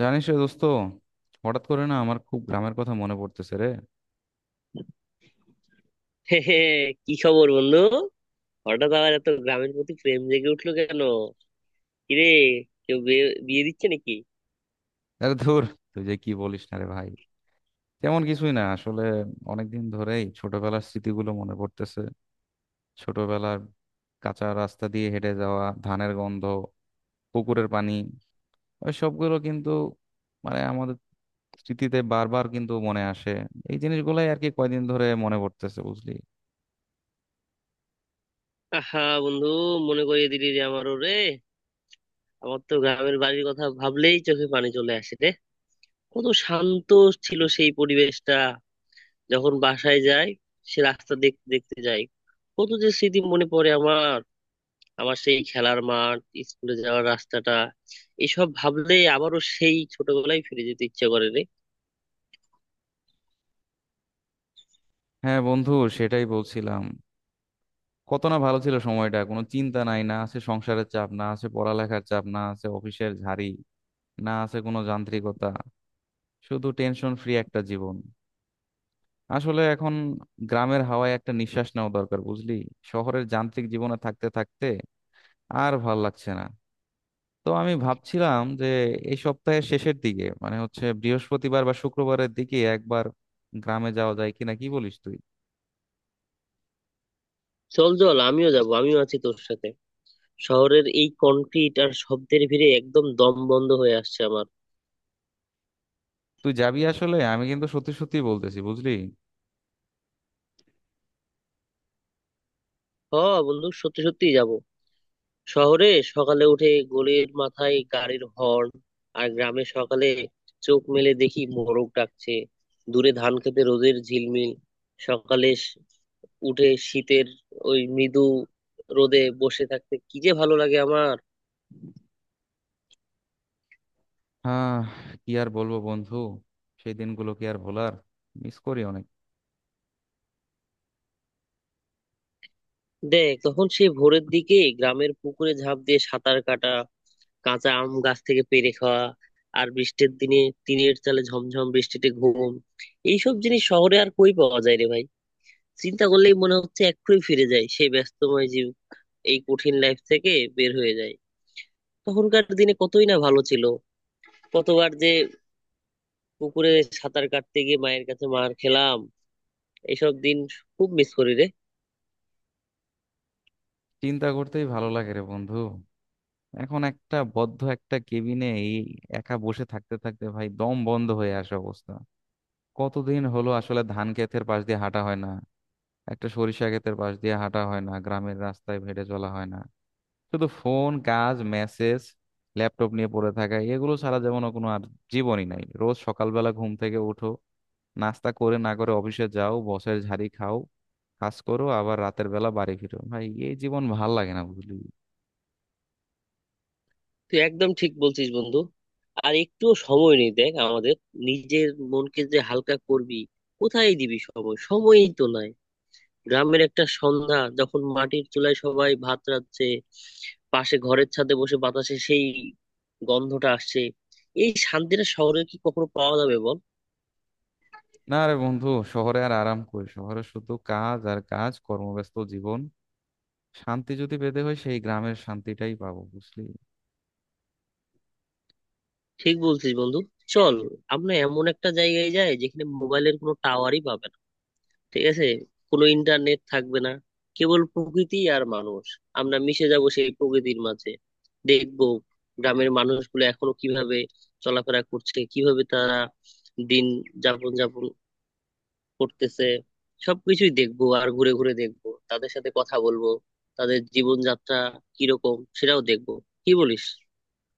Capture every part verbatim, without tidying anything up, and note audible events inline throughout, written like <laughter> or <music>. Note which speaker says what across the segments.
Speaker 1: জানিস রে দোস্ত, হঠাৎ করে না আমার খুব গ্রামের কথা মনে পড়তেছে রে।
Speaker 2: <laughs> কি খবর বন্ধু? হঠাৎ আবার এত গ্রামের প্রতি প্রেম জেগে উঠলো কেন? কিরে, কেউ বিয়ে বিয়ে দিচ্ছে নাকি?
Speaker 1: আরে ধুর, তুই যে কি বলিস না রে ভাই। তেমন কিছুই না আসলে, অনেকদিন ধরেই ছোটবেলার স্মৃতিগুলো মনে পড়তেছে। ছোটবেলার কাঁচা রাস্তা দিয়ে হেঁটে যাওয়া, ধানের গন্ধ, পুকুরের পানি, ওই সবগুলো কিন্তু মানে আমাদের স্মৃতিতে বারবার কিন্তু মনে আসে। এই জিনিসগুলাই আর কি কয়দিন ধরে মনে পড়তেছে বুঝলি।
Speaker 2: আহা বন্ধু, মনে করিয়ে দিলি রে আমার রে। আমার তো গ্রামের বাড়ির কথা ভাবলেই চোখে পানি চলে আসে রে। কত শান্ত ছিল সেই পরিবেশটা। যখন বাসায় যাই, সে রাস্তা দেখতে দেখতে যাই, কত যে স্মৃতি মনে পড়ে আমার। আমার সেই খেলার মাঠ, স্কুলে যাওয়ার রাস্তাটা, এসব ভাবলেই আবারও সেই ছোটবেলায় ফিরে যেতে ইচ্ছে করে রে।
Speaker 1: হ্যাঁ বন্ধু, সেটাই বলছিলাম। কত না ভালো ছিল সময়টা, কোনো চিন্তা নাই, না আছে সংসারের চাপ, না আছে পড়ালেখার চাপ, না আছে অফিসের ঝাড়ি, না আছে কোনো যান্ত্রিকতা, শুধু টেনশন ফ্রি একটা জীবন। আসলে এখন গ্রামের হাওয়ায় একটা নিঃশ্বাস নেওয়া দরকার বুঝলি। শহরের যান্ত্রিক জীবনে থাকতে থাকতে আর ভাল লাগছে না। তো আমি ভাবছিলাম যে এই সপ্তাহের শেষের দিকে মানে হচ্ছে বৃহস্পতিবার বা শুক্রবারের দিকে একবার গ্রামে যাওয়া যায় কিনা, কি বলিস তুই?
Speaker 2: চল চল, আমিও যাব, আমিও আছি তোর সাথে। শহরের এই কনক্রিট আর শব্দের ভিড়ে একদম দম বন্ধ হয়ে আসছে আমার।
Speaker 1: তুই যাবি আসলে? আমি কিন্তু সত্যি সত্যি বলতেছি বুঝলি।
Speaker 2: হ বন্ধু, সত্যি সত্যি যাব। শহরে সকালে উঠে গলির মাথায় গাড়ির হর্ন, আর গ্রামে সকালে চোখ মেলে দেখি মোরগ ডাকছে, দূরে ধান খেতে রোদের ঝিলমিল। সকালে স- উঠে শীতের ওই মৃদু রোদে বসে থাকতে কি যে ভালো লাগে আমার।
Speaker 1: হ্যাঁ, কি আর বলবো বন্ধু, সেই দিনগুলো কি আর ভোলার? মিস করি অনেক।
Speaker 2: দেখ, তখন সেই ভোরের দিকে গ্রামের পুকুরে ঝাঁপ দিয়ে সাঁতার কাটা, কাঁচা আম গাছ থেকে পেড়ে খাওয়া, আর বৃষ্টির দিনে টিনের চালে ঝমঝম বৃষ্টিতে ঘুম, এইসব জিনিস শহরে আর কই পাওয়া যায় রে ভাই। চিন্তা করলেই মনে হচ্ছে এক্ষুনি ফিরে যায় সেই ব্যস্তময় জীব, এই কঠিন লাইফ থেকে বের হয়ে যায়। তখনকার দিনে কতই না ভালো ছিল। কতবার যে পুকুরে সাঁতার কাটতে গিয়ে মায়ের কাছে মার খেলাম। এসব দিন খুব মিস করি রে।
Speaker 1: চিন্তা করতেই ভালো লাগে রে বন্ধু। এখন একটা বদ্ধ একটা কেবিনে এই একা বসে থাকতে থাকতে ভাই দম বন্ধ হয়ে আসে অবস্থা। কতদিন হলো আসলে ধান ক্ষেতের পাশ দিয়ে হাঁটা হয় না, একটা সরিষা ক্ষেতের পাশ দিয়ে হাঁটা হয় না, গ্রামের রাস্তায় হেঁটে চলা হয় না। শুধু ফোন, কাজ, মেসেজ, ল্যাপটপ নিয়ে পড়ে থাকা, এগুলো ছাড়া যেমন কোনো আর জীবনই নাই। রোজ সকালবেলা ঘুম থেকে উঠো, নাস্তা করে না করে অফিসে যাও, বসের ঝাড়ি খাও, কাজ করো, আবার রাতের বেলা বাড়ি ফিরো। ভাই, এই জীবন ভাল লাগে না বুঝলি।
Speaker 2: তুই একদম ঠিক বলছিস বন্ধু। আর একটুও সময় নেই দেখ আমাদের। নিজের মনকে যে হালকা করবি, কোথায় দিবি সময়, সময়ই তো নাই। গ্রামের একটা সন্ধ্যা, যখন মাটির চুলায় সবাই ভাত রাঁধছে, পাশে ঘরের ছাদে বসে বাতাসে সেই গন্ধটা আসছে, এই শান্তিটা শহরে কি কখনো পাওয়া যাবে বল?
Speaker 1: না রে বন্ধু, শহরে আর আরাম কই, শহরে শুধু কাজ আর কাজ, কর্মব্যস্ত জীবন। শান্তি যদি পেতে হয়, সেই গ্রামের শান্তিটাই পাবো বুঝলি।
Speaker 2: ঠিক বলছিস বন্ধু। চল, আমরা এমন একটা জায়গায় যাই যেখানে মোবাইলের কোনো টাওয়ারই পাবে না। ঠিক আছে, কোনো ইন্টারনেট থাকবে না, কেবল প্রকৃতি আর মানুষ। আমরা মিশে যাব সেই প্রকৃতির মাঝে। দেখবো গ্রামের মানুষগুলো এখনো কিভাবে চলাফেরা করছে, কিভাবে তারা দিন যাপন যাপন করতেছে। সবকিছুই দেখবো, আর ঘুরে ঘুরে দেখবো, তাদের সাথে কথা বলবো, তাদের জীবনযাত্রা কিরকম সেটাও দেখবো। কি বলিস?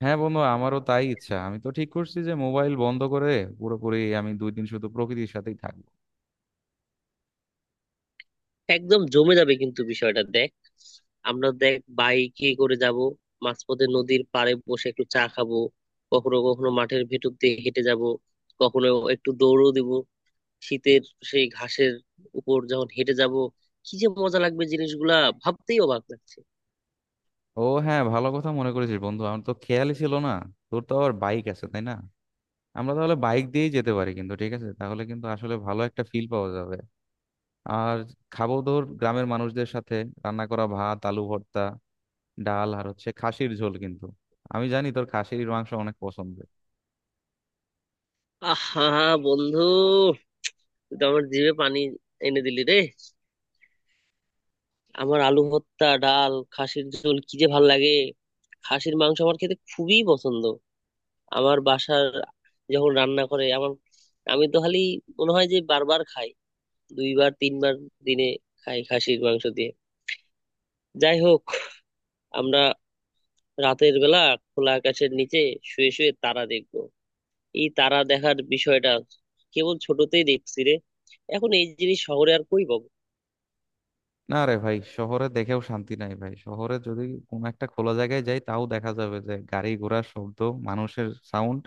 Speaker 1: হ্যাঁ বন্ধু, আমারও তাই ইচ্ছা। আমি তো ঠিক করছি যে মোবাইল বন্ধ করে পুরোপুরি আমি দুই দিন শুধু প্রকৃতির সাথেই থাকবো।
Speaker 2: একদম জমে যাবে কিন্তু বিষয়টা। দেখ, আমরা দেখ বাইকে করে যাব, মাঝপথে নদীর পাড়ে বসে একটু চা খাবো, কখনো কখনো মাঠের ভেতর দিয়ে হেঁটে যাব, কখনো একটু দৌড়ও দিব। শীতের সেই ঘাসের উপর যখন হেঁটে যাব, কি যে মজা লাগবে জিনিসগুলা, ভাবতেই অবাক লাগছে।
Speaker 1: ও হ্যাঁ, ভালো কথা মনে করেছিস বন্ধু, আমার তো খেয়ালই ছিল না। তোর তো আবার বাইক আছে তাই না? আমরা তাহলে বাইক দিয়েই যেতে পারি কিন্তু, ঠিক আছে? তাহলে কিন্তু আসলে ভালো একটা ফিল পাওয়া যাবে। আর খাবো ধর গ্রামের মানুষদের সাথে রান্না করা ভাত, আলু ভর্তা, ডাল আর হচ্ছে খাসির ঝোল কিন্তু। আমি জানি তোর খাসির মাংস অনেক পছন্দের।
Speaker 2: আহা বন্ধু, তুই তো আমার জিভে পানি এনে দিলি রে। আমার আলু ভর্তা, ডাল, খাসির ঝোল কি যে ভাল লাগে। খাসির মাংস আমার খেতে খুবই পছন্দ। আমার বাসার যখন রান্না করে, আমার আমি তো খালি মনে হয় যে বারবার খাই, দুইবার তিনবার দিনে খাই খাসির মাংস দিয়ে। যাই হোক, আমরা রাতের বেলা খোলা আকাশের নিচে শুয়ে শুয়ে তারা দেখবো। এই তারা দেখার বিষয়টা কেবল ছোটতেই দেখছি রে, এখন এই জিনিস শহরে আর কই পাবো।
Speaker 1: না রে ভাই, শহরে দেখেও শান্তি নাই ভাই। শহরে যদি কোনো একটা খোলা জায়গায় যাই, তাও দেখা যাবে যে গাড়ি ঘোড়ার শব্দ, মানুষের সাউন্ড,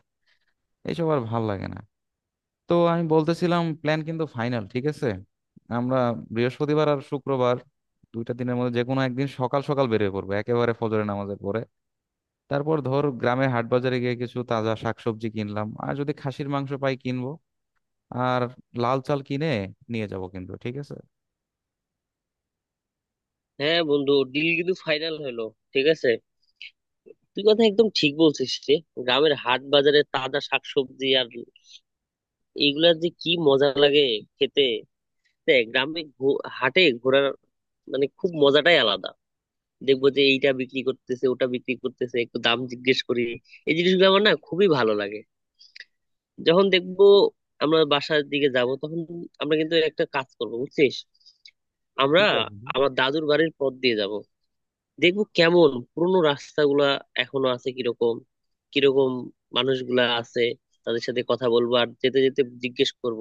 Speaker 1: এইসব আর ভাল লাগে না। তো আমি বলতেছিলাম, প্ল্যান কিন্তু ফাইনাল ঠিক আছে? আমরা বৃহস্পতিবার আর শুক্রবার দুইটা দিনের মধ্যে যে কোনো একদিন সকাল সকাল বেরিয়ে পড়বো একেবারে ফজরের নামাজের পরে। তারপর ধর গ্রামের হাট বাজারে গিয়ে কিছু তাজা শাকসবজি কিনলাম, আর যদি খাসির মাংস পাই কিনবো, আর লাল চাল কিনে নিয়ে যাব কিন্তু, ঠিক আছে?
Speaker 2: হ্যাঁ বন্ধু, ডিল কিন্তু ফাইনাল হলো, ঠিক আছে। তুই কথা একদম ঠিক বলছিস রে। গ্রামের হাট বাজারে তাজা শাকসবজি আর এইগুলার যে কি মজা লাগে খেতে। দেখ, গ্রামে ঘো- হাটে ঘোরার মানে খুব মজাটাই আলাদা। দেখবো যে এইটা বিক্রি করতেছে, ওটা বিক্রি করতেছে, একটু দাম জিজ্ঞেস করি, এই জিনিসগুলো আমার না খুবই ভালো লাগে। যখন দেখবো আমরা বাসার দিকে যাব, তখন আমরা কিন্তু একটা কাজ করবো বুঝছিস। আমরা
Speaker 1: ঠিক আছে।
Speaker 2: আমার দাদুর বাড়ির পথ দিয়ে যাব, দেখবো কেমন পুরোনো রাস্তাগুলা এখনো আছে, কিরকম কিরকম মানুষগুলা আছে, তাদের সাথে কথা বলবো আর যেতে যেতে জিজ্ঞেস করব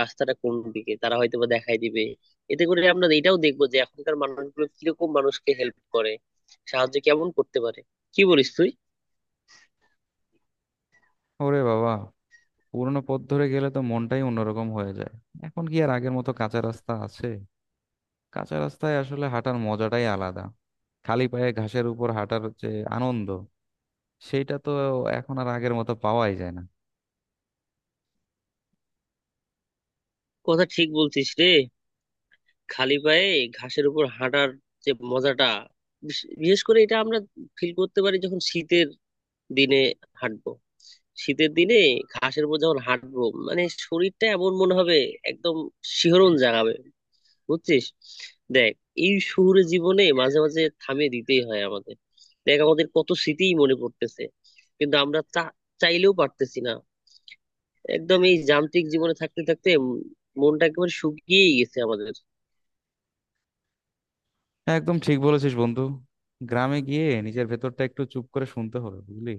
Speaker 2: রাস্তাটা কোন দিকে, তারা হয়তো বা দেখাই দিবে। এতে করে আমরা এটাও দেখবো যে এখনকার মানুষগুলো কিরকম মানুষকে হেল্প করে, সাহায্য কেমন করতে পারে। কি বলিস তুই?
Speaker 1: ওরে বাবা, পুরোনো পথ ধরে গেলে তো মনটাই অন্যরকম হয়ে যায়। এখন কি আর আগের মতো কাঁচা রাস্তা আছে? কাঁচা রাস্তায় আসলে হাঁটার মজাটাই আলাদা। খালি পায়ে ঘাসের উপর হাঁটার যে আনন্দ, সেইটা তো এখন আর আগের মতো পাওয়াই যায় না।
Speaker 2: কথা ঠিক বলছিস রে। খালি পায়ে ঘাসের উপর হাঁটার যে মজাটা, বিশ- বিশেষ করে এটা আমরা ফিল করতে পারি যখন শীতের দিনে হাঁটবো। শীতের দিনে ঘাসের উপর যখন হাঁটবো, মানে শরীরটা এমন মনে হবে, একদম শিহরণ জাগাবে, বুঝছিস? দেখ, এই শহুরে জীবনে মাঝে মাঝে থামিয়ে দিতেই হয় আমাদের। দেখ আমাদের কত স্মৃতিই মনে পড়তেছে, কিন্তু আমরা চা- চাইলেও পারতেছি না। একদম এই যান্ত্রিক জীবনে থাকতে থাকতে উম মনটা একেবারে শুকিয়েই গেছে আমাদের।
Speaker 1: হ্যাঁ, একদম ঠিক বলেছিস বন্ধু। গ্রামে গিয়ে নিজের ভেতরটা একটু চুপ করে শুনতে হবে বুঝলি।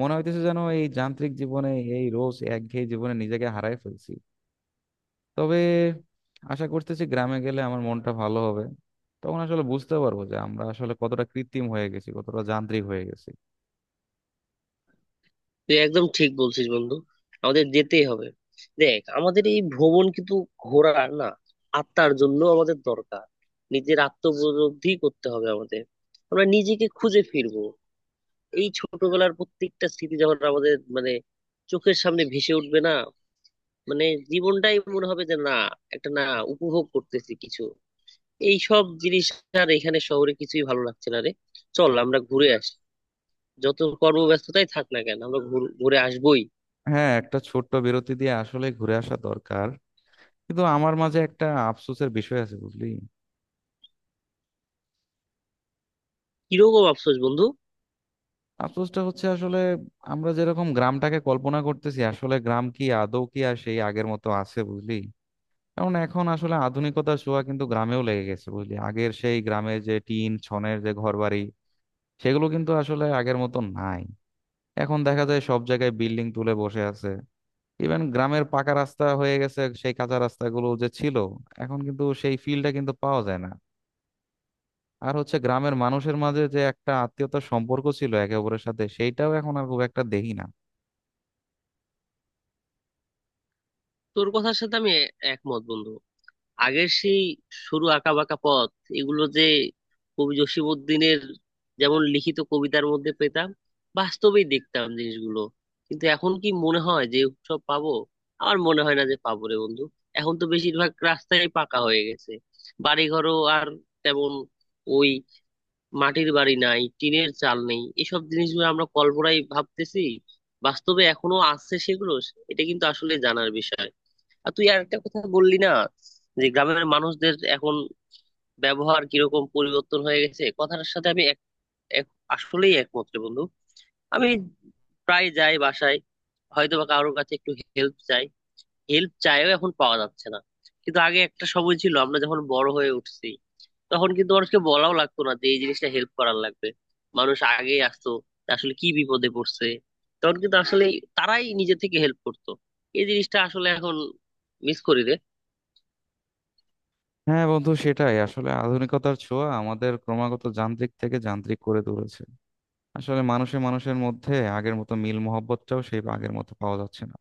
Speaker 1: মনে হইতেছে যেন এই যান্ত্রিক জীবনে, এই রোজ একঘেয়ে জীবনে নিজেকে হারায় ফেলছি। তবে আশা করতেছি গ্রামে গেলে আমার মনটা ভালো হবে। তখন আসলে বুঝতে পারবো যে আমরা আসলে কতটা কৃত্রিম হয়ে গেছি, কতটা যান্ত্রিক হয়ে গেছি।
Speaker 2: তুই একদম ঠিক বলছিস বন্ধু, আমাদের যেতেই হবে। দেখ, আমাদের এই ভ্রমণ কিন্তু ঘোরার না, আত্মার জন্য আমাদের দরকার। নিজের আত্মবোধি করতে হবে আমাদের, আমরা নিজেকে খুঁজে ফিরবো। এই ছোটবেলার প্রত্যেকটা স্মৃতি যখন আমাদের মানে চোখের সামনে ভেসে উঠবে না, মানে জীবনটাই মনে হবে যে না একটা না উপভোগ করতেছি কিছু এই সব জিনিস। আর এখানে শহরে কিছুই ভালো লাগছে না রে। চল আমরা ঘুরে আসি, যত কর্মব্যস্ততাই থাক না কেন আমরা ঘুর- ঘুরে আসবোই।
Speaker 1: হ্যাঁ, একটা ছোট্ট বিরতি দিয়ে আসলে ঘুরে আসা দরকার। কিন্তু আমার মাঝে একটা আফসোসের বিষয় আছে বুঝলি।
Speaker 2: কিরকম আফসোস বন্ধু?
Speaker 1: আফসোসটা হচ্ছে আসলে, আমরা যেরকম গ্রামটাকে কল্পনা করতেছি, আসলে গ্রাম কি আদৌ কি আর সেই আগের মতো আছে বুঝলি? কারণ এখন আসলে আধুনিকতার ছোঁয়া কিন্তু গ্রামেও লেগে গেছে বুঝলি। আগের সেই গ্রামের যে টিন ছনের যে ঘরবাড়ি, সেগুলো কিন্তু আসলে আগের মতো নাই। এখন দেখা যায় সব জায়গায় বিল্ডিং তুলে বসে আছে। ইভেন গ্রামের পাকা রাস্তা হয়ে গেছে, সেই কাঁচা রাস্তাগুলো যে ছিল এখন কিন্তু সেই ফিলটা কিন্তু পাওয়া যায় না। আর হচ্ছে গ্রামের মানুষের মাঝে যে একটা আত্মীয়তার সম্পর্ক ছিল একে অপরের সাথে, সেইটাও এখন আর খুব একটা দেখি না।
Speaker 2: তোর কথার সাথে আমি এ- একমত বন্ধু। আগের সেই সরু আঁকা বাঁকা পথ, এগুলো যে কবি জসিমউদ্দিনের যেমন লিখিত কবিতার মধ্যে পেতাম, বাস্তবেই দেখতাম জিনিসগুলো। কিন্তু এখন কি মনে হয় যে সব পাবো? আর মনে হয় না যে পাবো রে বন্ধু। এখন তো বেশিরভাগ রাস্তায় পাকা হয়ে গেছে, বাড়িঘরও আর তেমন, ওই মাটির বাড়ি নাই, টিনের চাল নেই। এসব জিনিসগুলো আমরা কল্পনায় ভাবতেছি, বাস্তবে এখনো আছে সেগুলো? এটা কিন্তু আসলে জানার বিষয়। আর তুই আর একটা কথা বললি না, যে গ্রামের মানুষদের এখন ব্যবহার কিরকম পরিবর্তন হয়ে গেছে, কথাটার সাথে আমি এক এক- আসলেই একমাত্র বন্ধু। আমি প্রায় যাই বাসায়, হয়তো বা কারোর কাছে একটু হেল্প চাই, হেল্প চাইও এখন পাওয়া যাচ্ছে না। কিন্তু আগে একটা সময় ছিল, আমরা যখন বড় হয়ে উঠছি, তখন কিন্তু মানুষকে বলাও লাগতো না যে এই জিনিসটা হেল্প করার লাগবে। মানুষ আগে আসতো, আসলে কি বিপদে পড়ছে, তখন কিন্তু আসলে তারাই নিজে থেকে হেল্প করতো। এই জিনিসটা আসলে এখন মিস করি রে।
Speaker 1: হ্যাঁ বন্ধু, সেটাই আসলে আধুনিকতার ছোঁয়া আমাদের ক্রমাগত যান্ত্রিক থেকে যান্ত্রিক করে তুলেছে। আসলে মানুষে মানুষের মধ্যে আগের মতো মিল মহব্বতটাও সেই আগের মতো পাওয়া যাচ্ছে না।